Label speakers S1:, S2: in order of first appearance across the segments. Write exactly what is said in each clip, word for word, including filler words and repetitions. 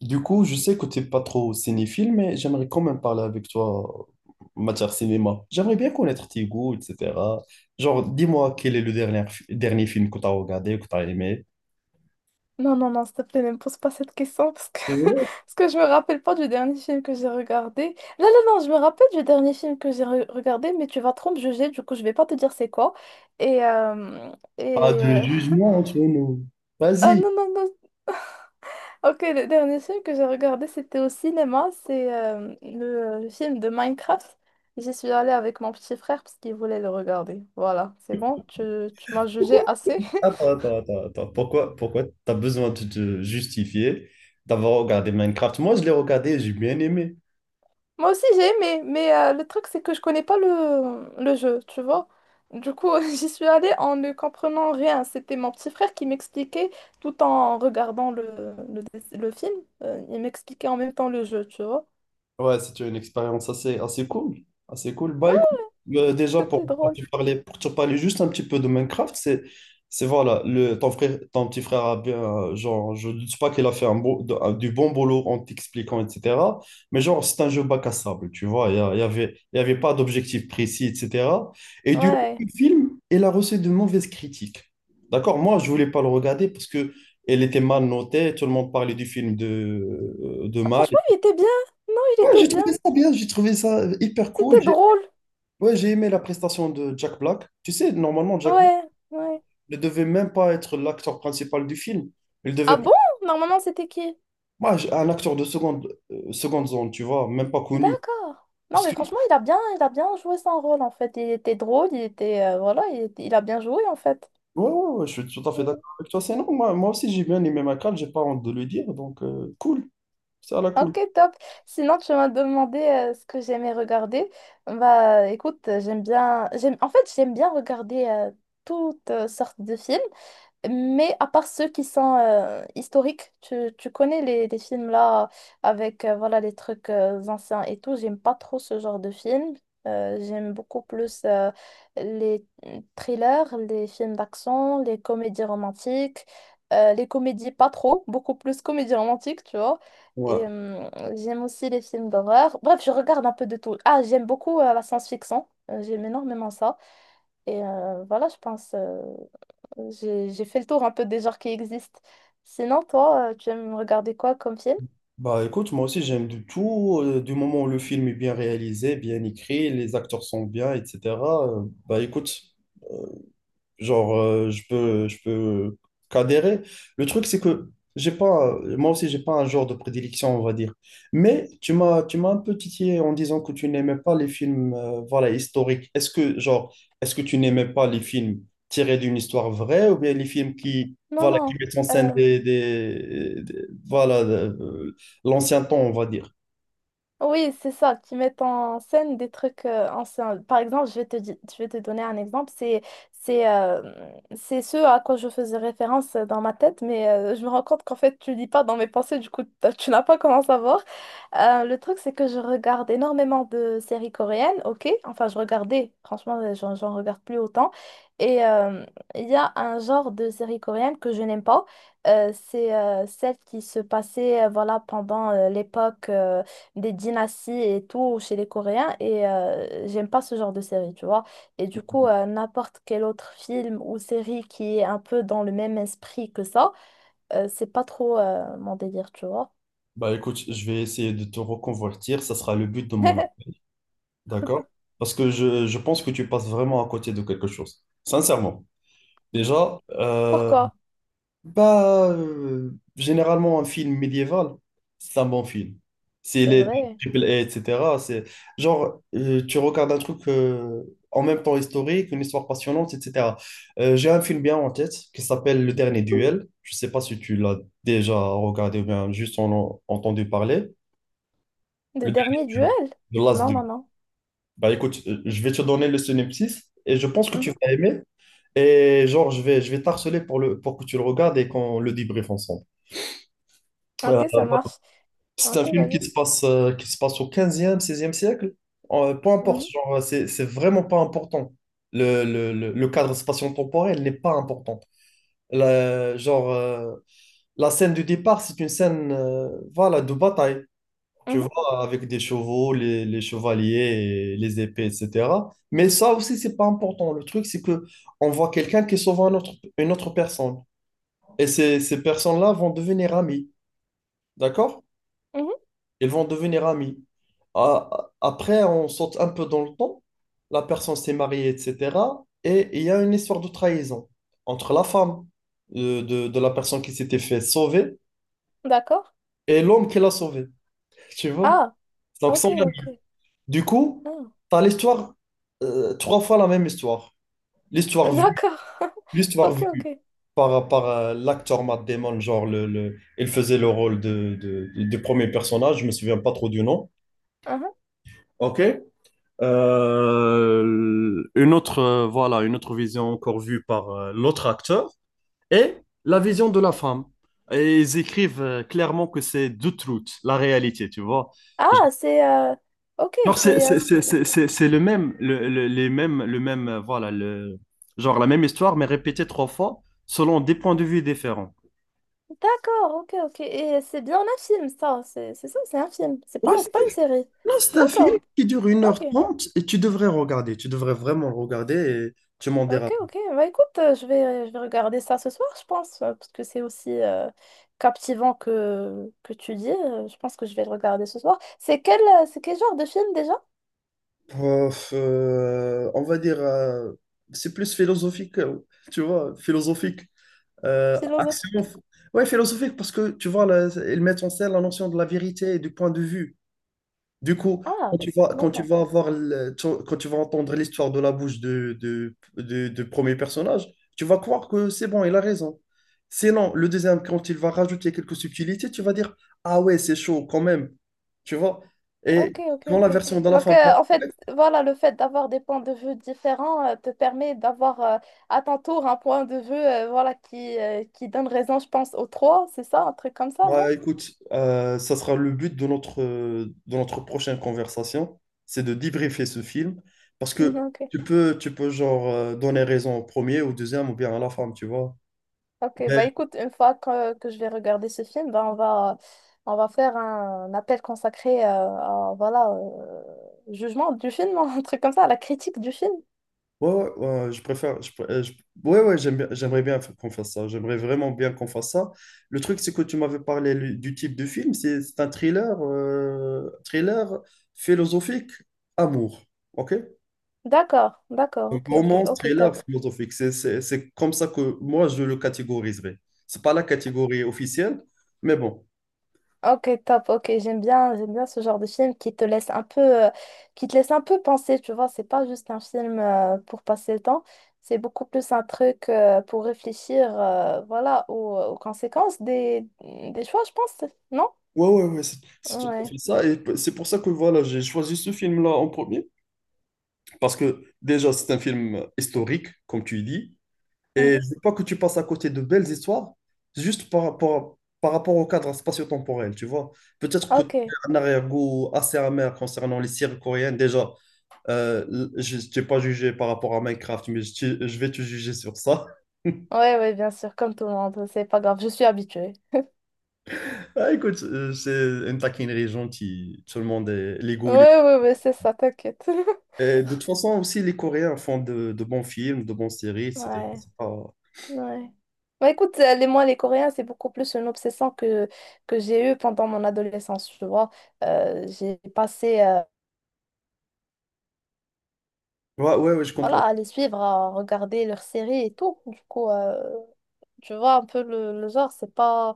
S1: Du coup, je sais que t'es pas trop cinéphile, mais j'aimerais quand même parler avec toi en matière cinéma. J'aimerais bien connaître tes goûts, et cetera. Genre, dis-moi quel est le dernier, fi- dernier film que t'as regardé, que t'as aimé.
S2: Non, non, non, s'il te plaît, ne me pose pas cette question parce que,
S1: Oh.
S2: parce que je me rappelle pas du dernier film que j'ai regardé. Non, non, non, je me rappelle du dernier film que j'ai re- regardé, mais tu vas trop me juger, du coup, je vais pas te dire c'est quoi. Et. euh,
S1: Pas
S2: et
S1: de
S2: euh,
S1: jugement entre nous.
S2: Ah
S1: Vas-y.
S2: non, non, non. Ok, le dernier film que j'ai regardé, c'était au cinéma, c'est euh, le, le film de Minecraft. J'y suis allée avec mon petit frère parce qu'il voulait le regarder. Voilà, c'est bon, tu, tu m'as jugé assez.
S1: Attends, attends, attends, attends. Pourquoi, pourquoi t'as besoin de te justifier d'avoir regardé Minecraft? Moi, je l'ai regardé et j'ai bien aimé.
S2: Moi aussi j'ai aimé, mais euh, le truc c'est que je connais pas le, le jeu, tu vois. Du coup, j'y suis allée en ne comprenant rien. C'était mon petit frère qui m'expliquait tout en regardant le, le, dess- le film. Euh, il m'expliquait en même temps le jeu, tu vois.
S1: Ouais, c'était une expérience assez, assez cool. Assez cool.
S2: Ouais,
S1: Bah écoute, euh, déjà
S2: c'était
S1: pour, pour
S2: drôle.
S1: te parler, pour te parler juste un petit peu de Minecraft, c'est, c'est voilà, le, ton frère, ton petit frère a bien, euh, genre, je ne dis pas qu'il a fait un beau, de- un- du bon boulot en t'expliquant, et cetera. Mais genre, c'est un jeu bac à sable, tu vois, il y, a- il y avait, il y avait pas d'objectif précis, et cetera. Et du coup,
S2: Ouais.
S1: le film, il a reçu de mauvaises critiques. D'accord? Moi, je voulais pas le regarder parce que elle était mal notée, tout le monde parlait du film de, euh, de
S2: Ah,
S1: mal.
S2: franchement, il était bien. Non, il
S1: Ouais,
S2: était
S1: j'ai
S2: bien.
S1: trouvé ça bien, j'ai trouvé ça hyper cool.
S2: C'était
S1: J'ai
S2: drôle.
S1: ouais, j'ai aimé la prestation de Jack Black. Tu sais, normalement, Jack Black
S2: Ouais, ouais.
S1: ne devait même pas être l'acteur principal du film. Il devait
S2: Ah
S1: être
S2: bon? Normalement, c'était qui?
S1: un acteur de seconde, euh, seconde zone, tu vois, même pas connu.
S2: D'accord. Non,
S1: Parce
S2: mais
S1: que, ouais,
S2: franchement, il a bien, il a bien joué son rôle en fait. Il était drôle, il était, euh, voilà, il, était- il a bien joué en fait.
S1: ouais, ouais, Je suis tout à fait d'accord avec toi. C'est non, moi, moi aussi, j'ai bien aimé Michael, j'ai pas honte de le dire. Donc, euh, cool, ça la cool.
S2: Ok, top. Sinon, tu m'as demandé euh, ce que j'aimais regarder. Bah, écoute, euh, j'aime bien. J'aime... En fait, j'aime bien regarder euh, toutes euh, sortes de films. Mais à part ceux qui sont euh, historiques, tu, tu connais les, les films là avec euh, voilà les trucs euh, anciens et tout. J'aime pas trop ce genre de films. Euh, j'aime beaucoup plus euh, les thrillers, les films d'action, les comédies romantiques, euh, les comédies pas trop, beaucoup plus comédies romantiques, tu vois.
S1: Ouais.
S2: Et euh, j'aime aussi les films d'horreur. Bref, je regarde un peu de tout. Ah, j'aime beaucoup euh, la science-fiction. Euh, J'aime énormément ça. Et euh, voilà, je pense. euh, j'ai j'ai fait le tour un peu des genres qui existent. Sinon, toi, euh, tu aimes regarder quoi comme film?
S1: Bah écoute, moi aussi j'aime du tout. Euh, du moment où le film est bien réalisé, bien écrit, les acteurs sont bien, et cetera euh, Bah écoute. Genre, euh, je peux, je peux euh, qu'adhérer. Le truc, c'est que j'ai pas, moi aussi, j'ai pas un genre de prédilection, on va dire. Mais tu m'as, tu m'as un peu titillé en disant que tu n'aimais pas les films, euh, voilà, historiques. Est-ce que, genre, est-ce que tu n'aimais pas les films tirés d'une histoire vraie ou bien les films qui,
S2: Non,
S1: voilà,
S2: non.
S1: qui mettent en scène des, des- des- voilà, euh, l'ancien temps, on va dire.
S2: Oui, c'est ça, qui mettent en scène des trucs euh, anciens. Par exemple, je vais te, di- je vais te donner un exemple. C'est, c'est, euh, c'est ce à quoi je faisais référence euh, dans ma tête, mais euh, je me rends compte qu'en fait, tu lis pas dans mes pensées, du coup, t'as- tu n'as pas comment savoir. Euh, le truc, c'est que je regarde énormément de séries coréennes, ok? Enfin, je regardais, franchement, euh, j'en j'en regarde plus autant. Et euh, il y a un genre de série coréenne que je n'aime pas. Euh, c'est euh, celle qui se passait euh, voilà, pendant euh, l'époque. euh, des dynasties et tout chez les Coréens et euh, j'aime pas ce genre de série, tu vois. Et du coup, euh, n'importe quel autre film ou série qui est un peu dans le même esprit que ça, euh, c'est pas trop euh, mon délire, tu vois.
S1: Bah écoute, je vais essayer de te reconvertir, ça sera le but de mon. D'accord? Parce que je, je pense que tu passes vraiment à côté de quelque chose. Sincèrement. Déjà, euh,
S2: Pourquoi?
S1: bah, euh, généralement, un film médiéval, c'est un bon film. S'il
S2: C'est
S1: est de
S2: vrai.
S1: triple A, et cetera, c'est genre, euh, tu regardes un truc euh, en même temps historique, une histoire passionnante, et cetera. Euh, j'ai un film bien en tête qui s'appelle Le Dernier Duel. Je ne sais pas si tu l'as déjà regardé ou bien juste en, en entendu parler. Le
S2: Le
S1: Dernier
S2: dernier duel?
S1: Duel, The Last
S2: Non,
S1: Duel.
S2: non, non.
S1: Bah écoute, euh, je vais te donner le synopsis et je pense que tu
S2: Mhm.
S1: vas aimer. Et genre, je vais, je vais t'harceler pour le, pour que tu le regardes et qu'on le débriefe ensemble. Euh,
S2: Ok, ça
S1: voilà.
S2: marche.
S1: C'est un
S2: Ok,
S1: film
S2: vas-y.
S1: qui se passe, euh, qui se passe au quinzième, seizième siècle. Euh, peu importe,
S2: Mhm,
S1: genre, c'est, c'est vraiment pas important. Le, le, le, le cadre spatio-temporel n'est pas important. La, genre, euh, la scène du départ, c'est une scène euh, voilà, de bataille. Tu
S2: mhm,
S1: vois, avec des chevaux, les, les chevaliers, et les épées, et cetera. Mais ça aussi, c'est pas important. Le truc, c'est que on voit quelqu'un qui sauve un autre- une autre personne. Et ces, ces personnes-là vont devenir amies, d'accord?
S2: mhm.
S1: Ils vont devenir amies. A- Après, on saute un peu dans le temps. La personne s'est mariée, et cetera. Et il y a une histoire de trahison entre la femme euh, de, de la personne qui s'était fait sauver
S2: D'accord.
S1: et l'homme qui l'a sauvée, tu vois?
S2: Ah,
S1: Donc,
S2: ok,
S1: sans.
S2: ok.
S1: Du coup,
S2: Non.
S1: tu as l'histoire, euh, trois fois la même histoire. L'histoire vue,
S2: D'accord.
S1: L'histoire
S2: Ok, ok.
S1: vue par, par euh, l'acteur Matt Damon, genre, le, le- il faisait le rôle de, de- du premier personnage, je me souviens pas trop du nom.
S2: Mhm.
S1: OK. Euh, une autre, euh, voilà, une autre vision encore vue par euh, l'autre acteur et la vision de la femme. Et ils écrivent euh, clairement que c'est the truth, la réalité, tu vois.
S2: Ah, c'est... euh, Ok,
S1: Genre, c'est
S2: c'est
S1: c'est- c'est-
S2: inspiré.
S1: c'est- c'est- c'est le même, le, le- les mêmes, le même, euh, voilà, le, genre la même histoire, mais répétée trois fois selon des points de vue différents.
S2: D'accord, ok, ok. Et c'est bien un film, ça. C'est c'est ça, c'est un film. C'est pas,
S1: Ouais,
S2: c'est pas une
S1: c'est
S2: série.
S1: non, c'est un film
S2: D'accord,
S1: qui dure une heure
S2: ok.
S1: trente et tu devrais regarder. Tu devrais vraiment le regarder et tu m'en diras.
S2: Ok, ok. Bah écoute, euh, je vais, je vais regarder ça ce soir, je pense, euh, parce que c'est aussi euh, captivant que, que tu dis. Euh, Je pense que je vais le regarder ce soir. C'est quel, euh, c'est quel genre de film déjà?
S1: Euh, euh, on va dire, euh, c'est plus philosophique, euh, tu vois, philosophique. Euh, action.
S2: Philosophique.
S1: Ouais, philosophique parce que, tu vois, là, ils mettent en scène la notion de la vérité et du point de vue. Du coup, quand
S2: Ah,
S1: tu vas, quand tu
S2: d'accord.
S1: vas avoir le- tu- quand tu vas entendre l'histoire de la bouche de, de, de- de premier personnage, tu vas croire que c'est bon, il a raison. Sinon, le deuxième, quand il va rajouter quelques subtilités, tu vas dire, ah ouais, c'est chaud quand même. Tu vois? Et
S2: Ok, ok,
S1: quand la
S2: ok.
S1: version de la
S2: Donc,
S1: fin va
S2: euh, en fait,
S1: apparaître,
S2: voilà, le fait d'avoir des points de vue différents euh, te permet d'avoir euh, à ton tour un point de vue euh, voilà, qui, euh, qui donne raison, je pense, aux trois, c'est ça, un truc comme ça,
S1: bah,
S2: non?
S1: écoute, euh, ça sera le but de notre, euh, de notre prochaine conversation, c'est de débriefer ce film. Parce
S2: Mhm,
S1: que
S2: ok.
S1: tu peux, tu peux genre, euh, donner raison au premier, au deuxième ou bien à la femme, tu vois?
S2: Ok,
S1: Ben.
S2: bah écoute, une fois que, que je vais regarder ce film, bah, on va, on va faire un appel consacré euh, à, voilà, euh, jugement du film, un truc comme ça, à la critique du film.
S1: Ouais, ouais, ouais, je préfère. Je, pr- euh, je- ouais, ouais, j'aime bien- j'aimerais bien f- qu'on fasse ça. J'aimerais vraiment bien qu'on fasse ça. Le truc, c'est que tu m'avais parlé lu- du type de film. C'est c'est un thriller, euh, thriller philosophique, amour. OK?
S2: D'accord, d'accord,
S1: Donc,
S2: ok, ok,
S1: romance,
S2: ok,
S1: thriller
S2: top.
S1: philosophique. C'est c'est- c'est comme ça que moi, je le catégoriserais. C'est pas la catégorie officielle, mais bon.
S2: Ok, top, ok, j'aime bien, j'aime bien ce genre de film qui te laisse un peu, euh, qui te laisse un peu penser, tu vois, c'est pas juste un film euh, pour passer le temps, c'est beaucoup plus un truc euh, pour réfléchir, euh, voilà, aux, aux conséquences des, des choix, je pense, non?
S1: Ouais, ouais, ouais, c'est c'est tout à
S2: Ouais.
S1: fait ça. Et p- c'est pour ça que voilà, j'ai choisi ce film-là en premier. Parce que déjà, c'est un film historique, comme tu dis. Et je
S2: Mhm.
S1: ne dis pas que tu passes à côté de belles histoires, juste par rapport, par rapport au cadre spatio-temporel, tu vois. Peut-être que tu
S2: Ok, ouais,
S1: as un arrière-goût assez amer concernant les séries coréennes. Déjà, euh, l- je ne t'ai pas jugé par rapport à Minecraft, mais je, te- je vais te juger sur ça.
S2: ouais, bien sûr, comme tout le monde, c'est pas grave, je suis habituée.
S1: Ah, écoute, euh, c'est une taquinerie gentille. Tout le monde est les
S2: Ouais,
S1: goûts. Les-
S2: ouais, ouais, c'est ça, t'inquiète.
S1: Et de toute façon, aussi, les Coréens font de, de bons films, de bonnes séries, et cetera.
S2: Ouais.
S1: C'est pas...
S2: Ouais. Bah écoute, euh, les, moi, les Coréens, c'est beaucoup plus une obsession que, que j'ai eue pendant mon adolescence, tu vois. Euh, j'ai passé euh,
S1: Ouais, ouais, ouais, je
S2: voilà,
S1: comprends.
S2: à les suivre, à regarder leurs séries et tout. Du coup, euh, tu vois, un peu le, le genre, c'est pas,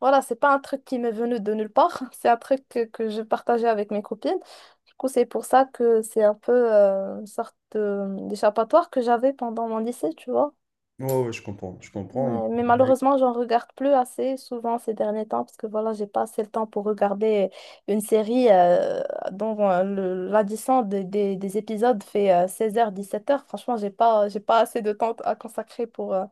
S2: voilà, c'est pas un truc qui m'est venu de nulle part. C'est un truc que, que je partageais avec mes copines. Du coup, c'est pour ça que c'est un peu euh, une sorte de- d'échappatoire que j'avais pendant mon lycée, tu vois.
S1: Ouais, ouais, je comprends, je comprends.
S2: Ouais, mais malheureusement, j'en regarde plus assez souvent ces derniers temps parce que voilà, j'ai pas assez le temps pour regarder euh, une série euh, dont euh, le- l'addition des, des- des épisodes fait euh, seize heures, dix-sept heures. Franchement, j'ai pas, j'ai pas assez de temps à consacrer pour, euh,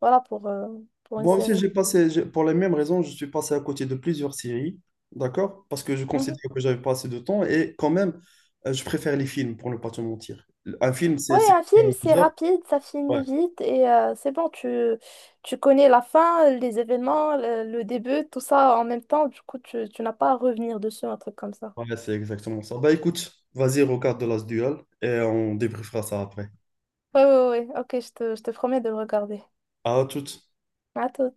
S2: voilà, pour, euh, pour une
S1: Moi aussi,
S2: série.
S1: j'ai passé, j'ai- pour les mêmes raisons, je suis passé à côté de plusieurs séries, d'accord? Parce que je
S2: Mhm.
S1: considère que j'avais pas assez de temps et quand même, euh, je préfère les films, pour ne pas te mentir. Un film, c'est
S2: Ouais,
S1: c'est
S2: un film, c'est
S1: deux heures.
S2: rapide, ça
S1: Ouais,
S2: finit vite et euh, c'est bon, tu, tu connais la fin, les événements, le, le début, tout ça en même temps. Du coup, tu, tu n'as pas à revenir dessus, un truc comme ça.
S1: ouais, c'est exactement ça. Bah écoute, vas-y, regarde The Last Duel et on débriefera ça après.
S2: Ouais, ouais, ouais, ok, je te, je te promets de le regarder.
S1: À toutes.
S2: À tout.